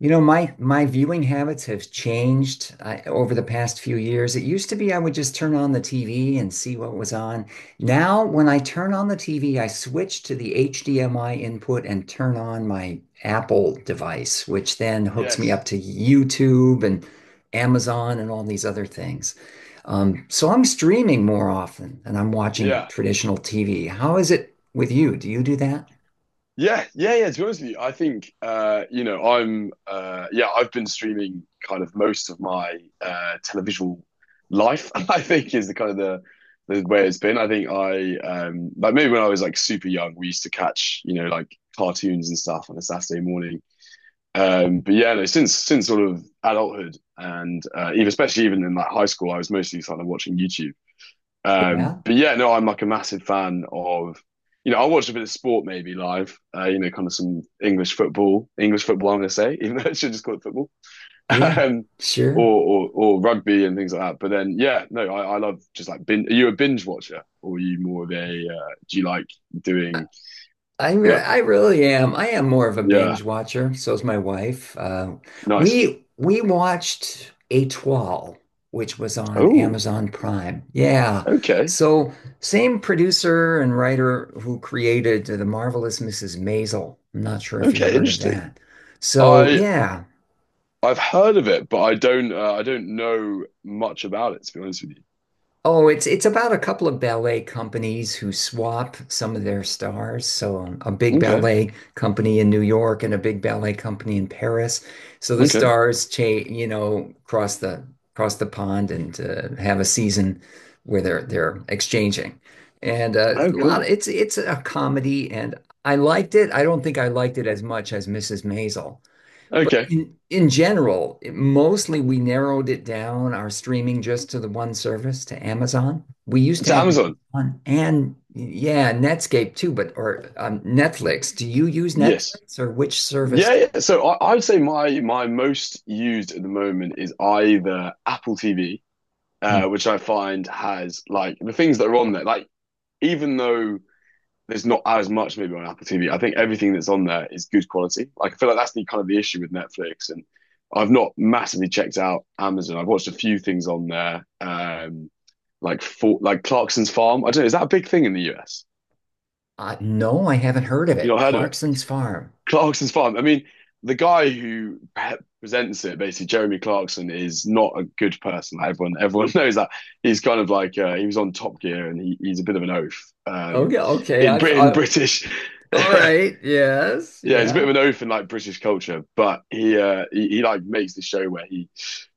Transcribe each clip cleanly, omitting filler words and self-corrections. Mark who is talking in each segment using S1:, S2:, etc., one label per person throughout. S1: You know, my viewing habits have changed over the past few years. It used to be I would just turn on the TV and see what was on. Now, when I turn on the TV, I switch to the HDMI input and turn on my Apple device, which then hooks me up
S2: Yes.
S1: to YouTube and Amazon and all these other things. So I'm streaming more often and I'm watching
S2: Yeah.
S1: traditional TV. How is it with you? Do you do that?
S2: Yeah. Yeah. Yeah. To be honest with you, I think I'm I've been streaming kind of most of my televisual life, I think is the kind of the way it's been. I think I like maybe when I was like super young, we used to catch, you know, like cartoons and stuff on a Saturday morning. But yeah, no, since sort of adulthood and even especially even in like high school, I was mostly kind of watching YouTube.
S1: Yeah,
S2: But yeah, no, I'm like a massive fan of, you know, I watch a bit of sport maybe live, you know, kind of some English football, I'm going to say, even though I should just call it football,
S1: yeah,
S2: um, or,
S1: sure.
S2: or or rugby and things like that. But then, yeah, no, I love just like bin. Are you a binge watcher or are you more of a, do you like doing,
S1: I re
S2: yeah,
S1: I really am. I am more of a
S2: yeah,
S1: binge watcher. So is my wife. Uh,
S2: nice.
S1: we we watched Étoile, which was on
S2: Oh,
S1: Amazon Prime. Yeah.
S2: okay,
S1: So same producer and writer who created The Marvelous Mrs. Maisel. I'm not sure if you
S2: okay,
S1: heard of
S2: interesting.
S1: that. So,
S2: I,
S1: yeah.
S2: I've heard of it, but I don't know much about it, to be honest with
S1: Oh, it's about a couple of ballet companies who swap some of their stars. So a
S2: you.
S1: big
S2: Okay,
S1: ballet company in New York and a big ballet company in Paris. So the
S2: okay.
S1: stars cha you know, cross the cross the pond and have a season where they're exchanging. And
S2: Oh,
S1: a lot
S2: cool.
S1: it's a comedy and I liked it. I don't think I liked it as much as Mrs. Maisel. But
S2: Okay.
S1: in general, mostly we narrowed it down our streaming just to the one service, to Amazon. We used to
S2: To
S1: have
S2: Amazon.
S1: Amazon and, yeah, Netscape too, but or Netflix. Do you use
S2: Yes.
S1: Netflix or which
S2: Yeah,
S1: service?
S2: yeah. So I'd say my my most used at the moment is either Apple TV,
S1: Hmm.
S2: which I find has like the things that are on there. Like even though there's not as much maybe on Apple TV, I think everything that's on there is good quality. Like I feel like that's the kind of the issue with Netflix, and I've not massively checked out Amazon. I've watched a few things on there, like for like Clarkson's Farm. I don't know. Is that a big thing in the US?
S1: No, I haven't heard of
S2: You
S1: it.
S2: not heard of it?
S1: Clarkson's Farm.
S2: Clarkson's fun. I mean, the guy who presents it, basically Jeremy Clarkson, is not a good person. Like, everyone knows that. He's kind of like he was on Top Gear, and he's a bit of an oaf
S1: Okay, okay.
S2: in Britain, British.
S1: All
S2: Yeah,
S1: right. Yes,
S2: he's a bit of
S1: yeah.
S2: an oaf in like British culture, but he, he like makes this show where he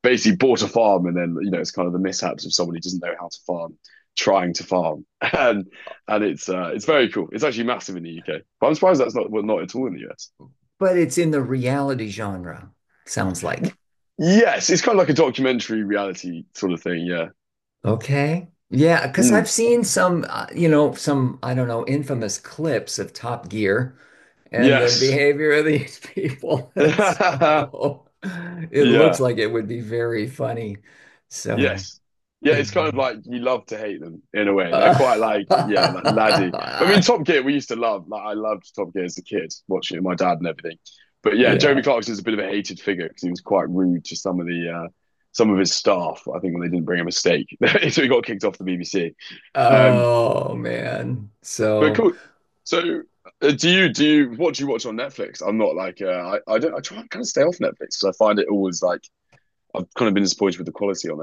S2: basically bought a farm, and then you know it's kind of the mishaps of someone who doesn't know how to farm trying to farm, and it's very cool. It's actually massive in the UK, but I'm surprised that's not well, not at all in the US.
S1: But it's in the reality genre, sounds like.
S2: Yes, it's kind of like a documentary reality sort of thing. Yeah.
S1: Okay. Yeah, because
S2: Mm.
S1: I've seen some, I don't know, infamous clips of Top Gear and the
S2: Yes.
S1: behavior of these people. So it looks
S2: Yeah.
S1: like it would be very funny. So,
S2: Yes. Yeah,
S1: yeah.
S2: it's kind of like you love to hate them in a way. They're quite like, yeah, like laddie. But I mean, Top Gear, we used to love. Like, I loved Top Gear as a kid, watching it with my dad and everything. But yeah, Jeremy
S1: Yeah.
S2: Clarkson's a bit of a hated figure because he was quite rude to some of the some of his staff. I think when they didn't bring him a steak, so he got kicked off the BBC. Um,
S1: Oh, man.
S2: But
S1: So.
S2: cool. So, do you what do you watch on Netflix? I'm not like I don't I try and kind of stay off Netflix because I find it always like I've kind of been disappointed with the quality on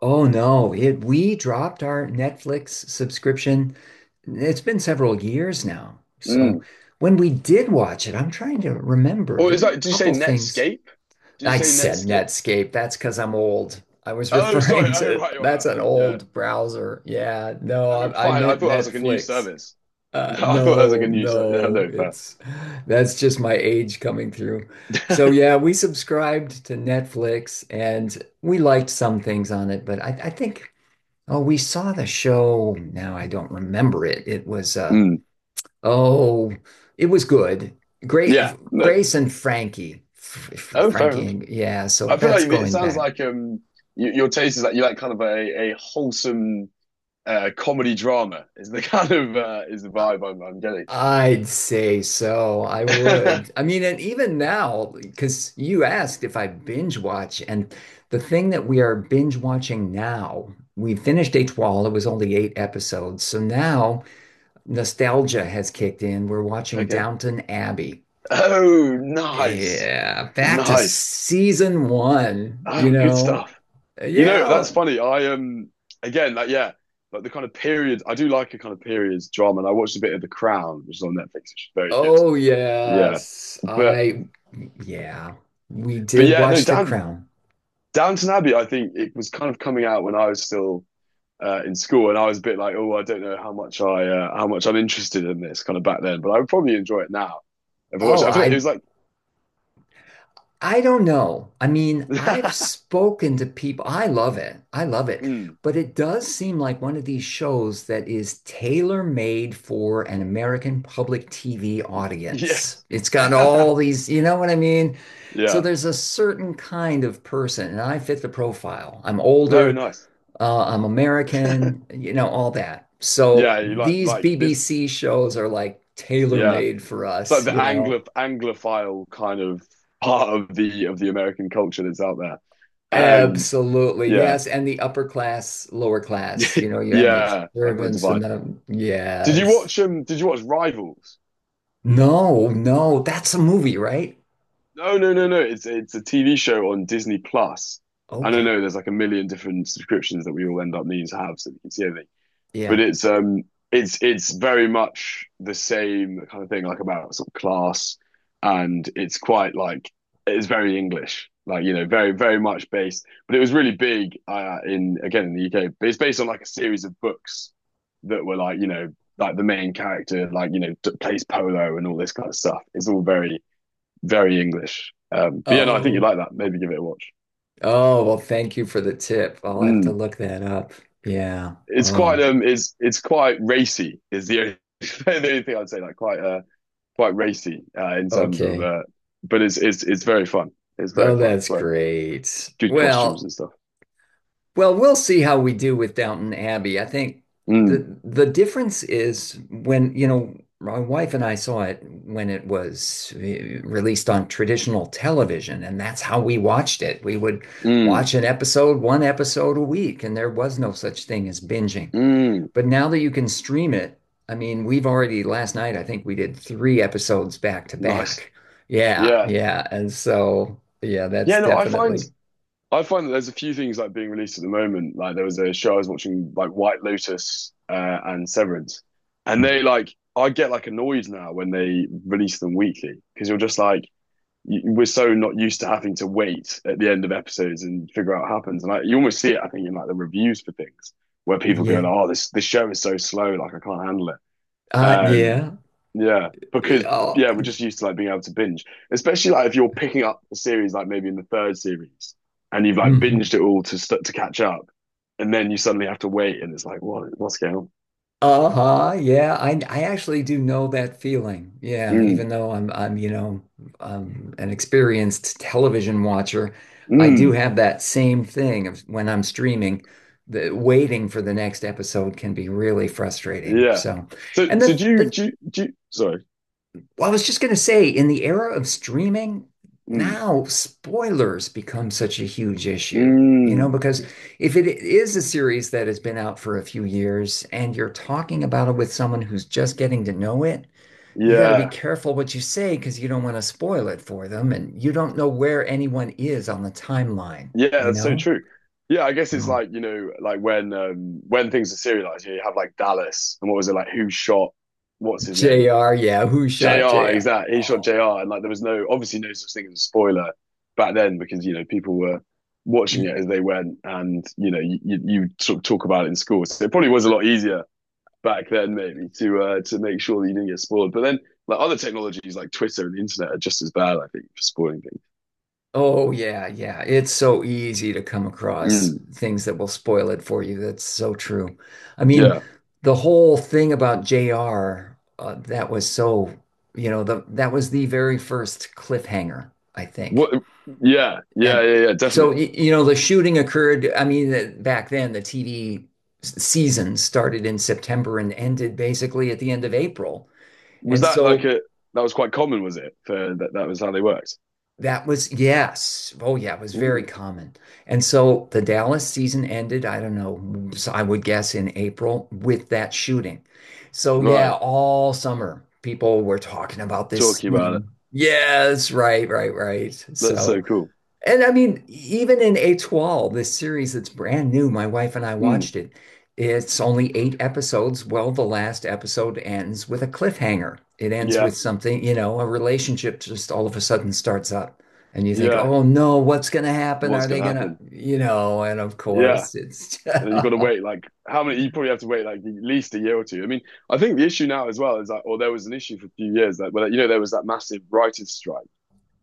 S1: Oh, no, it we dropped our Netflix subscription. It's been several years now.
S2: there.
S1: So
S2: Mm.
S1: when we did watch it, I'm trying to remember.
S2: Or
S1: There
S2: is
S1: were
S2: that?
S1: a
S2: Did you say
S1: couple things.
S2: Netscape? Did you
S1: I
S2: say
S1: said
S2: Netscape?
S1: Netscape. That's because I'm old. I was
S2: Oh, sorry.
S1: referring
S2: Oh,
S1: to,
S2: right, right,
S1: that's
S2: right.
S1: an
S2: Yeah.
S1: old browser. Yeah, no,
S2: Oh,
S1: I
S2: fine. I
S1: meant
S2: thought that was like a new
S1: Netflix.
S2: service. I thought that was like
S1: No,
S2: a new service. Yeah,
S1: no,
S2: no, fair.
S1: it's that's just my age coming through. So, yeah, we subscribed to Netflix and we liked some things on it, but I think. Oh, we saw the show. Now I don't remember it. It was uh
S2: Mm.
S1: oh, it was good.
S2: Yeah.
S1: Great
S2: No.
S1: Grace and Frankie.
S2: Oh, fair
S1: Frankie
S2: enough.
S1: and, yeah, so
S2: I feel like
S1: that's
S2: it
S1: going
S2: sounds
S1: back.
S2: like y- your taste is like you like kind of a wholesome comedy drama is the kind of is the
S1: I-
S2: vibe I'm getting.
S1: I'd say so. I would. I mean, and even now, because you asked if I binge watch, and the thing that we are binge watching now, we finished H Wall. It was only eight episodes. So
S2: Right.
S1: now nostalgia has kicked in. We're watching
S2: Okay.
S1: Downton Abbey.
S2: Oh, nice,
S1: Yeah, back to
S2: nice.
S1: season one, you
S2: Oh, good
S1: know.
S2: stuff. You know, that's
S1: Yeah.
S2: funny. I again, like yeah, like the kind of period. I do like a kind of periods drama, and I watched a bit of The Crown, which is on Netflix, which is very good.
S1: Oh,
S2: Yeah,
S1: yes.
S2: but
S1: Yeah, we
S2: but
S1: did
S2: yeah, no,
S1: watch The
S2: Down,
S1: Crown.
S2: Downton Abbey. I think it was kind of coming out when I was still in school, and I was a bit like, oh, I don't know how much I how much I'm interested in this kind of back then, but I would probably enjoy it now if I watched
S1: Oh,
S2: it. I feel like it
S1: I
S2: was like,
S1: I don't know. I mean, I've spoken to people. I love it. I love it.
S2: mm,
S1: But it does seem like one of these shows that is tailor-made for an American public TV audience.
S2: yes,
S1: It's got all these, you know what I mean? So
S2: yeah,
S1: there's a certain kind of person, and I fit the profile. I'm
S2: no,
S1: older,
S2: nice,
S1: I'm American, all that. So
S2: yeah, you
S1: these
S2: like this,
S1: BBC shows are like
S2: yeah.
S1: tailor-made for
S2: It's like
S1: us,
S2: the
S1: you
S2: Anglo
S1: know?
S2: Anglophile kind of part of the American culture that's out there. Um,
S1: Absolutely,
S2: yeah,
S1: yes. And the upper class, lower class, you have the
S2: yeah, that kind of
S1: servants
S2: divide. Did you watch
S1: yes.
S2: um? Did you watch Rivals?
S1: No, no, that's a movie, right?
S2: No, no, no, no. It's a TV show on Disney Plus. I don't
S1: Okay.
S2: know. There's like a million different subscriptions that we all end up needing to have so that we can see everything.
S1: Yeah.
S2: But it's very much the same kind of thing, like about sort of class, and it's quite like it's very English, like you know, very much based. But it was really big in again in the UK. But it's based on like a series of books that were like you know like the main character like you know d- plays polo and all this kind of stuff. It's all very very English. But yeah, no, I think you
S1: Oh,
S2: like that. Maybe give it a watch.
S1: oh, well, thank you for the tip. I'll have to
S2: Mm.
S1: look that up. Yeah. Oh,
S2: It's quite racy. Is the only, the only thing I'd say like quite quite racy in terms of
S1: okay.
S2: but it's very fun. It's very
S1: Oh,
S2: fun. It's
S1: that's
S2: worth
S1: great.
S2: good costumes
S1: Well,
S2: and stuff.
S1: We'll see how we do with Downton Abbey. I think
S2: Mm,
S1: the difference is, when, my wife and I saw it when it was released on traditional television, and that's how we watched it. We would
S2: mm,
S1: watch an episode, one episode a week, and there was no such thing as binging.
S2: mm.
S1: But now that you can stream it, I mean, we've already last night, I think we did three episodes back to
S2: Nice.
S1: back. Yeah,
S2: Yeah.
S1: yeah. And so, yeah, that's
S2: Yeah, no,
S1: definitely.
S2: I find that there's a few things like being released at the moment. Like there was a show I was watching, like White Lotus and Severance, and
S1: Mm.
S2: they like I get like annoyed now when they release them weekly because you're just like we're so not used to having to wait at the end of episodes and figure out what happens. And like you almost see it, I think, in like the reviews for things where people go, like,
S1: Yeah.
S2: "Oh, this show is so slow, like I can't handle it." Um,
S1: Yeah.
S2: yeah, because
S1: Oh.
S2: yeah, we're just used to like being able to binge, especially like if you're picking up a series like maybe in the third series and you've like
S1: Hmm.
S2: binged it all to catch up, and then you suddenly have to wait, and it's like, what what's going on?
S1: Uh-huh. Yeah, I actually do know that feeling. Yeah,
S2: Mm,
S1: even though I'm, an experienced television watcher, I do
S2: mm,
S1: have that same thing of when I'm streaming, the waiting for the next episode can be really frustrating.
S2: yeah.
S1: So,
S2: So
S1: and
S2: so
S1: the
S2: sorry.
S1: Well, I was just going to say, in the era of streaming,
S2: Mm,
S1: now spoilers become such a huge issue. You know,
S2: mm,
S1: because if it is a series that has been out for a few years and you're talking about it with someone who's just getting to know it, you got to be
S2: yeah,
S1: careful what you say because you don't want to spoil it for them and you don't know where anyone is on the timeline,
S2: yeah.
S1: you
S2: That's so
S1: know?
S2: true. Yeah, I guess it's
S1: So,
S2: like you know like when things are serialized, you, know, you have like Dallas and what was it like? Who shot? What's his name?
S1: JR, yeah, who shot
S2: JR,
S1: JR?
S2: exactly. He shot
S1: Oh.
S2: JR, and like there was no, obviously, no such thing as a spoiler back then because you know people were watching it as they went, and you know you sort of talk about it in school, so it probably was a lot easier back then maybe to make sure that you didn't get spoiled. But then like other technologies like Twitter and the internet are just as bad, I think, for spoiling things.
S1: Oh, yeah, yeah. It's so easy to come across
S2: Mm,
S1: things that will spoil it for you. That's so true. I mean,
S2: yeah.
S1: the whole thing about JR, that was so, you know, the that was the very first cliffhanger, I
S2: What?
S1: think.
S2: Yeah, yeah,
S1: And
S2: yeah, yeah.
S1: so,
S2: Definitely.
S1: the shooting occurred. I mean, back then the TV season started in September and ended basically at the end of April.
S2: Was
S1: And
S2: that like
S1: so.
S2: a that was quite common? Was it for that? That was how they worked.
S1: That was, yes. Oh, yeah, it was very
S2: Ooh.
S1: common. And so the Dallas season ended, I don't know, so I would guess in April with that shooting. So, yeah,
S2: Right.
S1: all summer people were talking about this
S2: Talking about it.
S1: scene. Yes, right, right, right.
S2: That's so
S1: So,
S2: cool.
S1: and I mean, even in A12, this series that's brand new, my wife and I
S2: Mm.
S1: watched it. It's only eight episodes. Well, the last episode ends with a cliffhanger. It ends
S2: Yeah,
S1: with something, a relationship just all of a sudden starts up. And you think,
S2: yeah.
S1: oh, no, what's going to happen?
S2: What's
S1: Are they
S2: gonna
S1: going to,
S2: happen?
S1: and of
S2: Yeah,
S1: course it's,
S2: and then you got to wait like how many? You probably have to wait like at least a year or two. I mean, I think the issue now as well is that, or there was an issue for a few years that, well, you know, there was that massive writers' strike,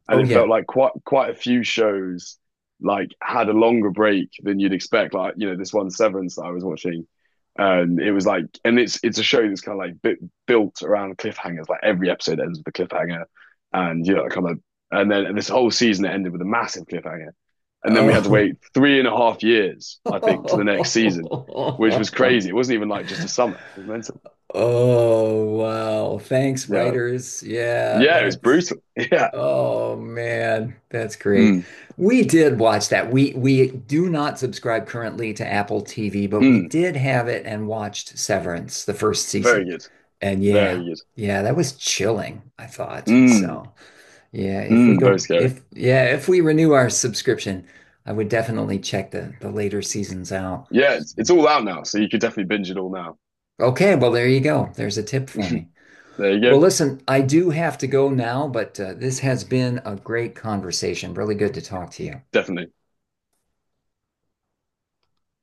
S2: and
S1: oh,
S2: it
S1: yeah.
S2: felt like quite a few shows like had a longer break than you'd expect. Like you know, this one Severance that I was watching, and it was like, and it's a show that's kind of like bit built around cliffhangers. Like every episode ends with a cliffhanger, and you know, kind of, and then and this whole season it ended with a massive cliffhanger. And then we had to
S1: Oh.
S2: wait three and a half years, I think, to the next season, which was crazy. It wasn't even like just a summer. It was mental.
S1: Oh, wow. Thanks,
S2: Yeah.
S1: writers. Yeah,
S2: Yeah, it was
S1: that's.
S2: brutal. Yeah.
S1: Oh, man, that's great.
S2: Mm,
S1: We did watch that. We do not subscribe currently to Apple TV, but we
S2: mm.
S1: did have it and watched Severance, the first
S2: Very
S1: season.
S2: good.
S1: And
S2: Very
S1: yeah,
S2: good.
S1: yeah, that was chilling, I thought.
S2: Mm,
S1: So, yeah, if we
S2: mm. Very
S1: go
S2: scary.
S1: if yeah, if we renew our subscription, I would definitely check the later seasons out.
S2: Yeah, it's all out now. So you could definitely binge it all now.
S1: Okay, well, there you go. There's a tip for me.
S2: There you go.
S1: Well, listen, I do have to go now, but this has been a great conversation. Really good to talk to you.
S2: Definitely.